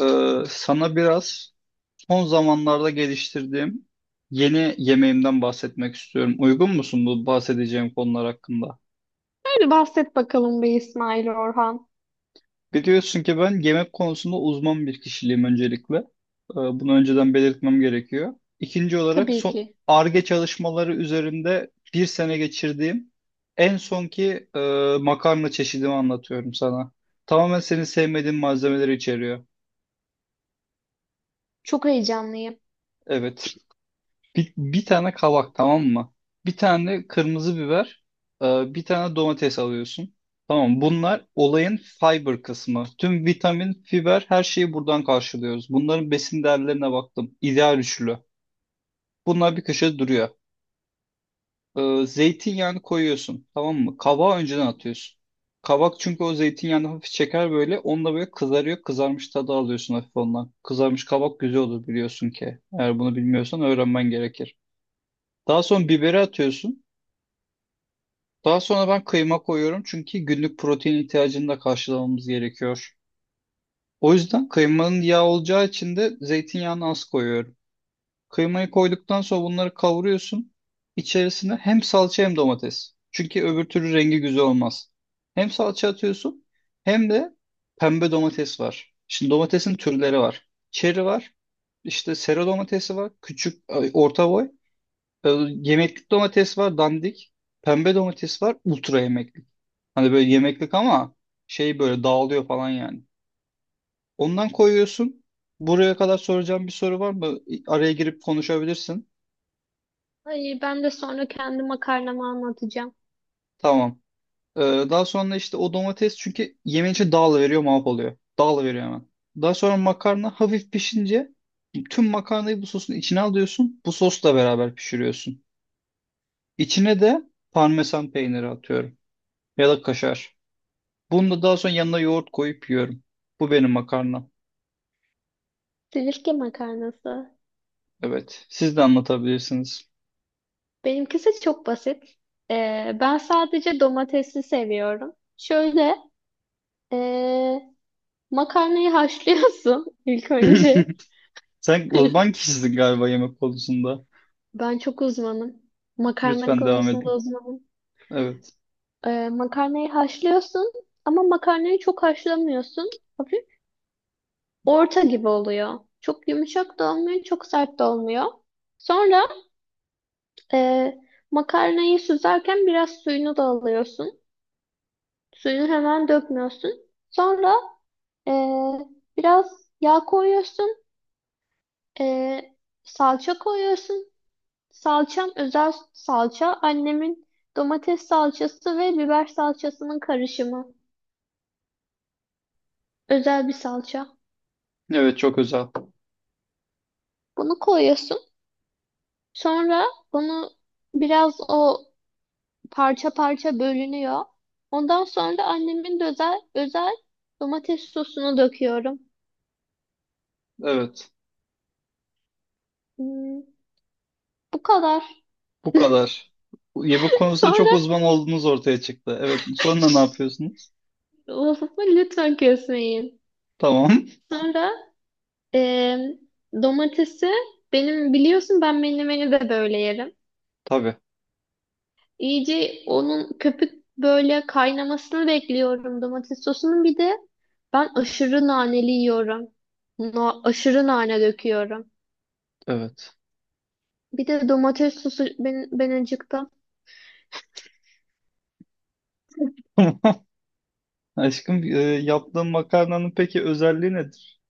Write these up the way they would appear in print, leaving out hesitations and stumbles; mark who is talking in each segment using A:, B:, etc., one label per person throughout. A: Sana biraz son zamanlarda geliştirdiğim yeni yemeğimden bahsetmek istiyorum. Uygun musun bu bahsedeceğim konular hakkında?
B: Hadi bahset bakalım be İsmail Orhan.
A: Biliyorsun ki ben yemek konusunda uzman bir kişiliğim öncelikle. Bunu önceden belirtmem gerekiyor. İkinci olarak
B: Tabii
A: son
B: ki.
A: Ar-Ge çalışmaları üzerinde bir sene geçirdiğim en sonki makarna çeşidimi anlatıyorum sana. Tamamen senin sevmediğin malzemeleri içeriyor.
B: Çok heyecanlıyım.
A: Evet. Bir tane kabak, tamam mı? Bir tane kırmızı biber, bir tane domates alıyorsun. Tamam, bunlar olayın fiber kısmı. Tüm vitamin, fiber, her şeyi buradan karşılıyoruz. Bunların besin değerlerine baktım. İdeal üçlü. Bunlar bir köşede duruyor. Zeytinyağını koyuyorsun, tamam mı? Kabağı önceden atıyorsun. Kabak çünkü o zeytinyağını hafif çeker böyle. Onunla böyle kızarıyor. Kızarmış tadı alıyorsun hafif ondan. Kızarmış kabak güzel olur, biliyorsun ki. Eğer bunu bilmiyorsan öğrenmen gerekir. Daha sonra biberi atıyorsun. Daha sonra ben kıyma koyuyorum çünkü günlük protein ihtiyacını da karşılamamız gerekiyor. O yüzden kıymanın yağ olacağı için de zeytinyağını az koyuyorum. Kıymayı koyduktan sonra bunları kavuruyorsun. İçerisine hem salça hem domates. Çünkü öbür türlü rengi güzel olmaz. Hem salça atıyorsun hem de pembe domates var. Şimdi domatesin türleri var. Çeri var. İşte sera domatesi var. Küçük, ay, orta boy. Yemeklik domates var. Dandik. Pembe domates var. Ultra yemeklik. Hani böyle yemeklik ama şey böyle dağılıyor falan yani. Ondan koyuyorsun. Buraya kadar soracağım bir soru var mı? Araya girip konuşabilirsin.
B: Ay ben de sonra kendi makarnamı anlatacağım.
A: Tamam. Ee, Daha sonra işte o domates çünkü yemeğin içi dağılıveriyor, mahvoluyor. Dağılıveriyor hemen. Daha sonra makarna hafif pişince tüm makarnayı bu sosun içine alıyorsun. Bu sosla beraber pişiriyorsun. İçine de parmesan peyniri atıyorum. Ya da kaşar. Bunu da daha sonra yanına yoğurt koyup yiyorum. Bu benim makarna.
B: Silifke makarnası.
A: Evet. Siz de anlatabilirsiniz.
B: Benimkisi çok basit. Ben sadece domatesi seviyorum. Şöyle ee, makarnayı haşlıyorsun ilk önce.
A: Sen uzman kişisin galiba yemek konusunda.
B: Ben çok uzmanım. Makarna
A: Lütfen devam
B: konusunda
A: edin.
B: uzmanım.
A: Evet.
B: Makarnayı haşlıyorsun ama makarnayı çok haşlamıyorsun. Hafif orta gibi oluyor. Çok yumuşak da olmuyor, çok sert de olmuyor. Sonra e, makarnayı süzerken biraz suyunu da alıyorsun. Suyunu hemen dökmüyorsun. Sonra e, biraz yağ koyuyorsun. E, Salça koyuyorsun. Salçam özel salça. Annemin domates salçası ve biber salçasının karışımı. Özel bir salça.
A: Evet, çok özel.
B: Bunu koyuyorsun. Sonra onu biraz o parça parça bölünüyor. Ondan sonra da annemin de özel domates sosunu döküyorum.
A: Evet.
B: Hmm, bu kadar.
A: Bu kadar. Yemek konusunda çok
B: Sonra
A: uzman olduğunuz ortaya çıktı. Evet. Sonra ne yapıyorsunuz?
B: lafımı lütfen kesmeyin.
A: Tamam.
B: Sonra e, domatesi benim biliyorsun ben menemeni de böyle yerim.
A: Tabii.
B: İyice onun köpük böyle kaynamasını bekliyorum domates sosunun. Bir de ben aşırı naneli yiyorum. Aşırı nane döküyorum.
A: Evet.
B: Bir de domates sosu ben acıktım.
A: Aşkım, yaptığın makarnanın peki özelliği nedir?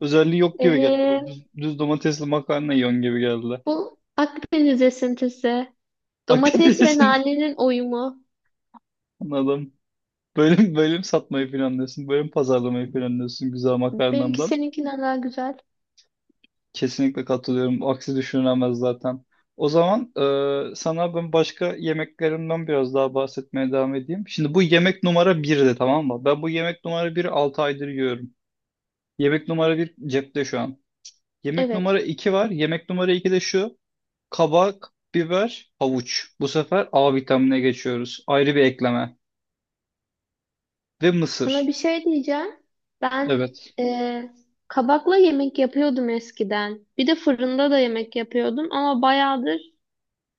A: Özelliği yok gibi geldi.
B: Ee,
A: Bu düz, düz domatesli makarna yiyorsun gibi geldi.
B: Bu Akdeniz esintisi. Domates ve
A: Hakikaten
B: nanenin uyumu.
A: anladım. Bölüm bölüm satmayı planlıyorsun. Bölüm pazarlamayı planlıyorsun güzel
B: Benimki
A: makarnandan.
B: seninkinden daha güzel.
A: Kesinlikle katılıyorum. Aksi düşünülemez zaten. O zaman sana ben başka yemeklerimden biraz daha bahsetmeye devam edeyim. Şimdi bu yemek numara birdi, tamam mı? Ben bu yemek numara biri 6 aydır yiyorum. Yemek numara bir cepte şu an. Yemek
B: Evet.
A: numara 2 var. Yemek numara 2 de şu. Kabak, biber, havuç. Bu sefer A vitamine geçiyoruz. Ayrı bir ekleme. Ve
B: Sana bir
A: mısır.
B: şey diyeceğim. Ben
A: Evet.
B: ee, kabakla yemek yapıyordum eskiden. Bir de fırında da yemek yapıyordum ama bayağıdır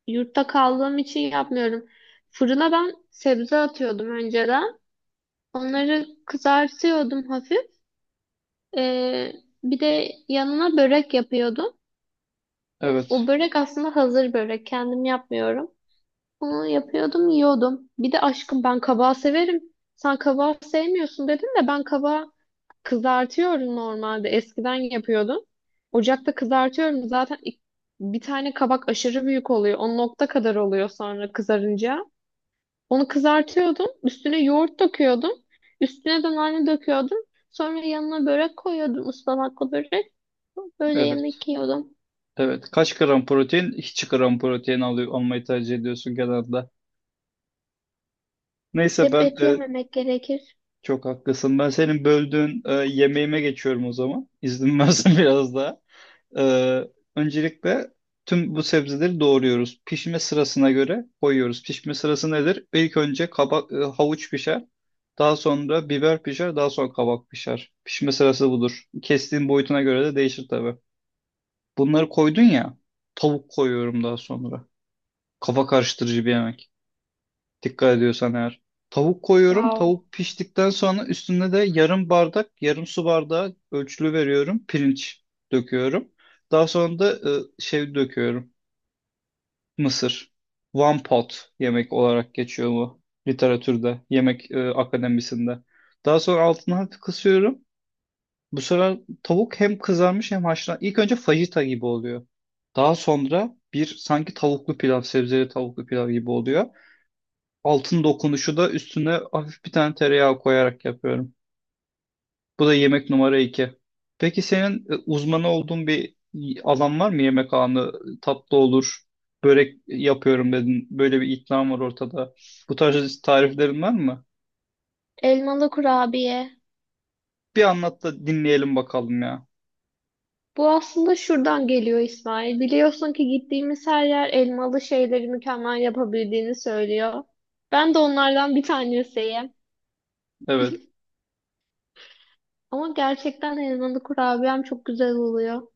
B: yurtta kaldığım için yapmıyorum. Fırına ben sebze atıyordum önceden. Onları kızartıyordum hafif. Ee, Bir de yanına börek yapıyordum. O
A: Evet.
B: börek aslında hazır börek. Kendim yapmıyorum. Bunu yapıyordum, yiyordum. Bir de aşkım ben kabağı severim. Sen kabağı sevmiyorsun dedin de ben kabağı kızartıyorum normalde. Eskiden yapıyordum. Ocakta kızartıyorum. Zaten bir tane kabak aşırı büyük oluyor. O nokta kadar oluyor sonra kızarınca. Onu kızartıyordum. Üstüne yoğurt döküyordum. Üstüne de nane döküyordum. Sonra yanına börek koyuyordum. Ispanaklı börek. Böyle
A: Evet.
B: yemek yiyordum.
A: Evet. Kaç gram protein? Hiç gram protein alıyor, almayı tercih ediyorsun genelde. Neyse
B: Hep
A: ben
B: et yememek gerekir.
A: çok haklısın. Ben senin böldüğün yemeğime geçiyorum o zaman. İzin versen biraz daha. E, Öncelikle tüm bu sebzeleri doğruyoruz. Pişme sırasına göre koyuyoruz. Pişme sırası nedir? İlk önce kabak, havuç pişer. Daha sonra biber pişer. Daha sonra kabak pişer. Pişme sırası budur. Kestiğin boyutuna göre de değişir tabii. Bunları koydun ya. Tavuk koyuyorum daha sonra. Kafa karıştırıcı bir yemek. Dikkat ediyorsan eğer. Tavuk koyuyorum.
B: Wow.
A: Tavuk piştikten sonra üstüne de yarım bardak, yarım su bardağı ölçülü veriyorum. Pirinç döküyorum. Daha sonra da şey döküyorum. Mısır. One pot yemek olarak geçiyor bu literatürde, yemek akademisinde. Daha sonra altını hafif kısıyorum. Bu sefer tavuk hem kızarmış hem haşlan. İlk önce fajita gibi oluyor. Daha sonra bir sanki tavuklu pilav, sebzeli tavuklu pilav gibi oluyor. Altın dokunuşu da üstüne hafif bir tane tereyağı koyarak yapıyorum. Bu da yemek numara iki. Peki senin uzmanı olduğun bir alan var mı? Yemek alanı tatlı olur, börek yapıyorum dedin. Böyle bir iddian var ortada. Bu tarz tariflerin var mı?
B: Elmalı kurabiye.
A: Bir anlat da dinleyelim bakalım ya.
B: Bu aslında şuradan geliyor İsmail. Biliyorsun ki gittiğimiz her yer elmalı şeyleri mükemmel yapabildiğini söylüyor. Ben de onlardan bir tanesiyim.
A: Evet,
B: Ama gerçekten elmalı kurabiyem çok güzel oluyor.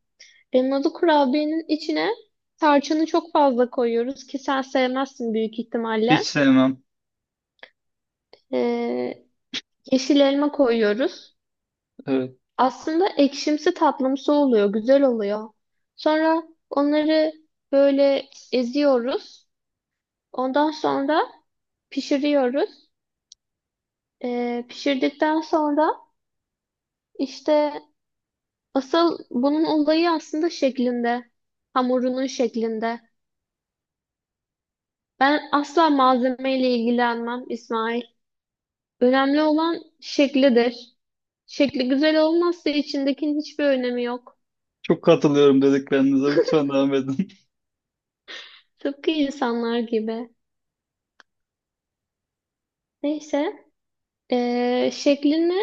B: Elmalı kurabiyenin içine tarçını çok fazla koyuyoruz ki sen sevmezsin büyük
A: hiç
B: ihtimalle.
A: sevmem.
B: Ee, Yeşil elma koyuyoruz.
A: Evet.
B: Aslında ekşimsi tatlımsı oluyor, güzel oluyor. Sonra onları böyle eziyoruz. Ondan sonra pişiriyoruz. Pişirdikten sonra işte asıl bunun olayı aslında şeklinde. Hamurunun şeklinde. Ben asla malzemeyle ilgilenmem İsmail. Önemli olan şeklidir. Şekli güzel olmazsa içindekinin hiçbir önemi yok.
A: Çok katılıyorum dediklerinize. Lütfen devam edin.
B: Tıpkı insanlar gibi. Neyse, şeklini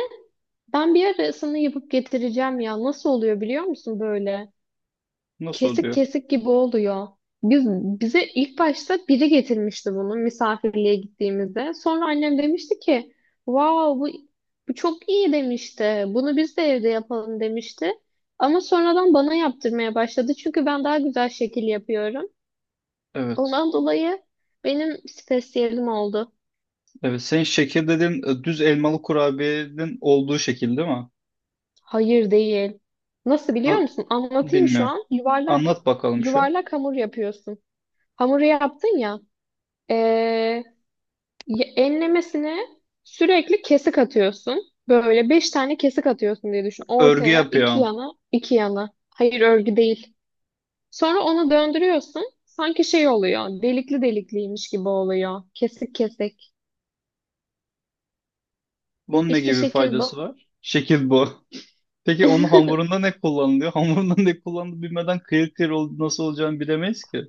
B: ben bir arasını yapıp getireceğim ya. Nasıl oluyor biliyor musun böyle?
A: Nasıl
B: Kesik
A: oluyor?
B: kesik gibi oluyor. Biz, bize ilk başta biri getirmişti bunu misafirliğe gittiğimizde. Sonra annem demişti ki, wow bu çok iyi demişti. Bunu biz de evde yapalım demişti. Ama sonradan bana yaptırmaya başladı. Çünkü ben daha güzel şekil yapıyorum.
A: Evet.
B: Ondan dolayı benim spesiyelim oldu.
A: Evet. Senin şekil dediğin düz elmalı kurabiyenin olduğu şekil değil mi?
B: Hayır değil. Nasıl biliyor
A: Na-
B: musun? Anlatayım şu
A: bilmiyorum.
B: an. Yuvarlak
A: Anlat bakalım şu.
B: yuvarlak hamur yapıyorsun. Hamuru yaptın ya. ee, Enlemesine sürekli kesik atıyorsun. Böyle beş tane kesik atıyorsun diye düşün.
A: Örgü
B: Ortaya, iki
A: yapıyorsun.
B: yana, iki yana. Hayır örgü değil. Sonra onu döndürüyorsun. Sanki şey oluyor. Delikli delikliymiş gibi oluyor. Kesik kesik.
A: Bunun ne
B: İşte
A: gibi
B: şekil
A: faydası
B: bu.
A: var? Şekil bu. Peki onun hamurunda ne kullanılıyor? Hamurunda ne kullanılıyor bilmeden kıyır kıyır ol- nasıl olacağını bilemeyiz ki.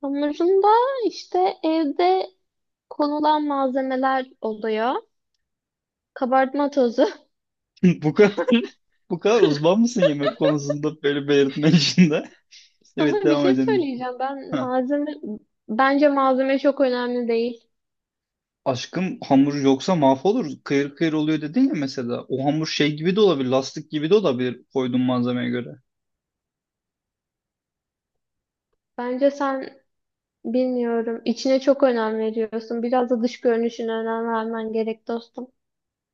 B: Hamurunda işte evde konulan malzemeler oluyor. Kabartma tozu.
A: Bu kadar bu kadar uzman mısın yemek konusunda böyle belirtme işinde? Evet,
B: Sana bir
A: devam
B: şey
A: edelim.
B: söyleyeceğim.
A: Ha.
B: Bence malzeme çok önemli değil.
A: Aşkım, hamur yoksa mahvolur. Kıyır kıyır oluyor dedin ya mesela. O hamur şey gibi de olabilir, lastik gibi de olabilir koyduğun malzemeye göre.
B: Bence sen Bilmiyorum. İçine çok önem veriyorsun. Biraz da dış görünüşüne önem vermen gerek dostum.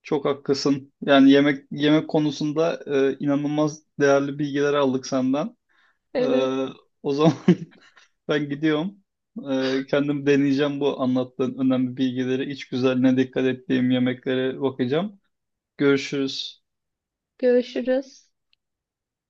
A: Çok haklısın. Yani yemek yemek konusunda inanılmaz değerli bilgiler aldık senden. Ee,
B: Evet.
A: O zaman ben gidiyorum. Kendim deneyeceğim bu anlattığın önemli bilgileri, iç güzelliğine dikkat ettiğim yemeklere bakacağım. Görüşürüz.
B: Görüşürüz.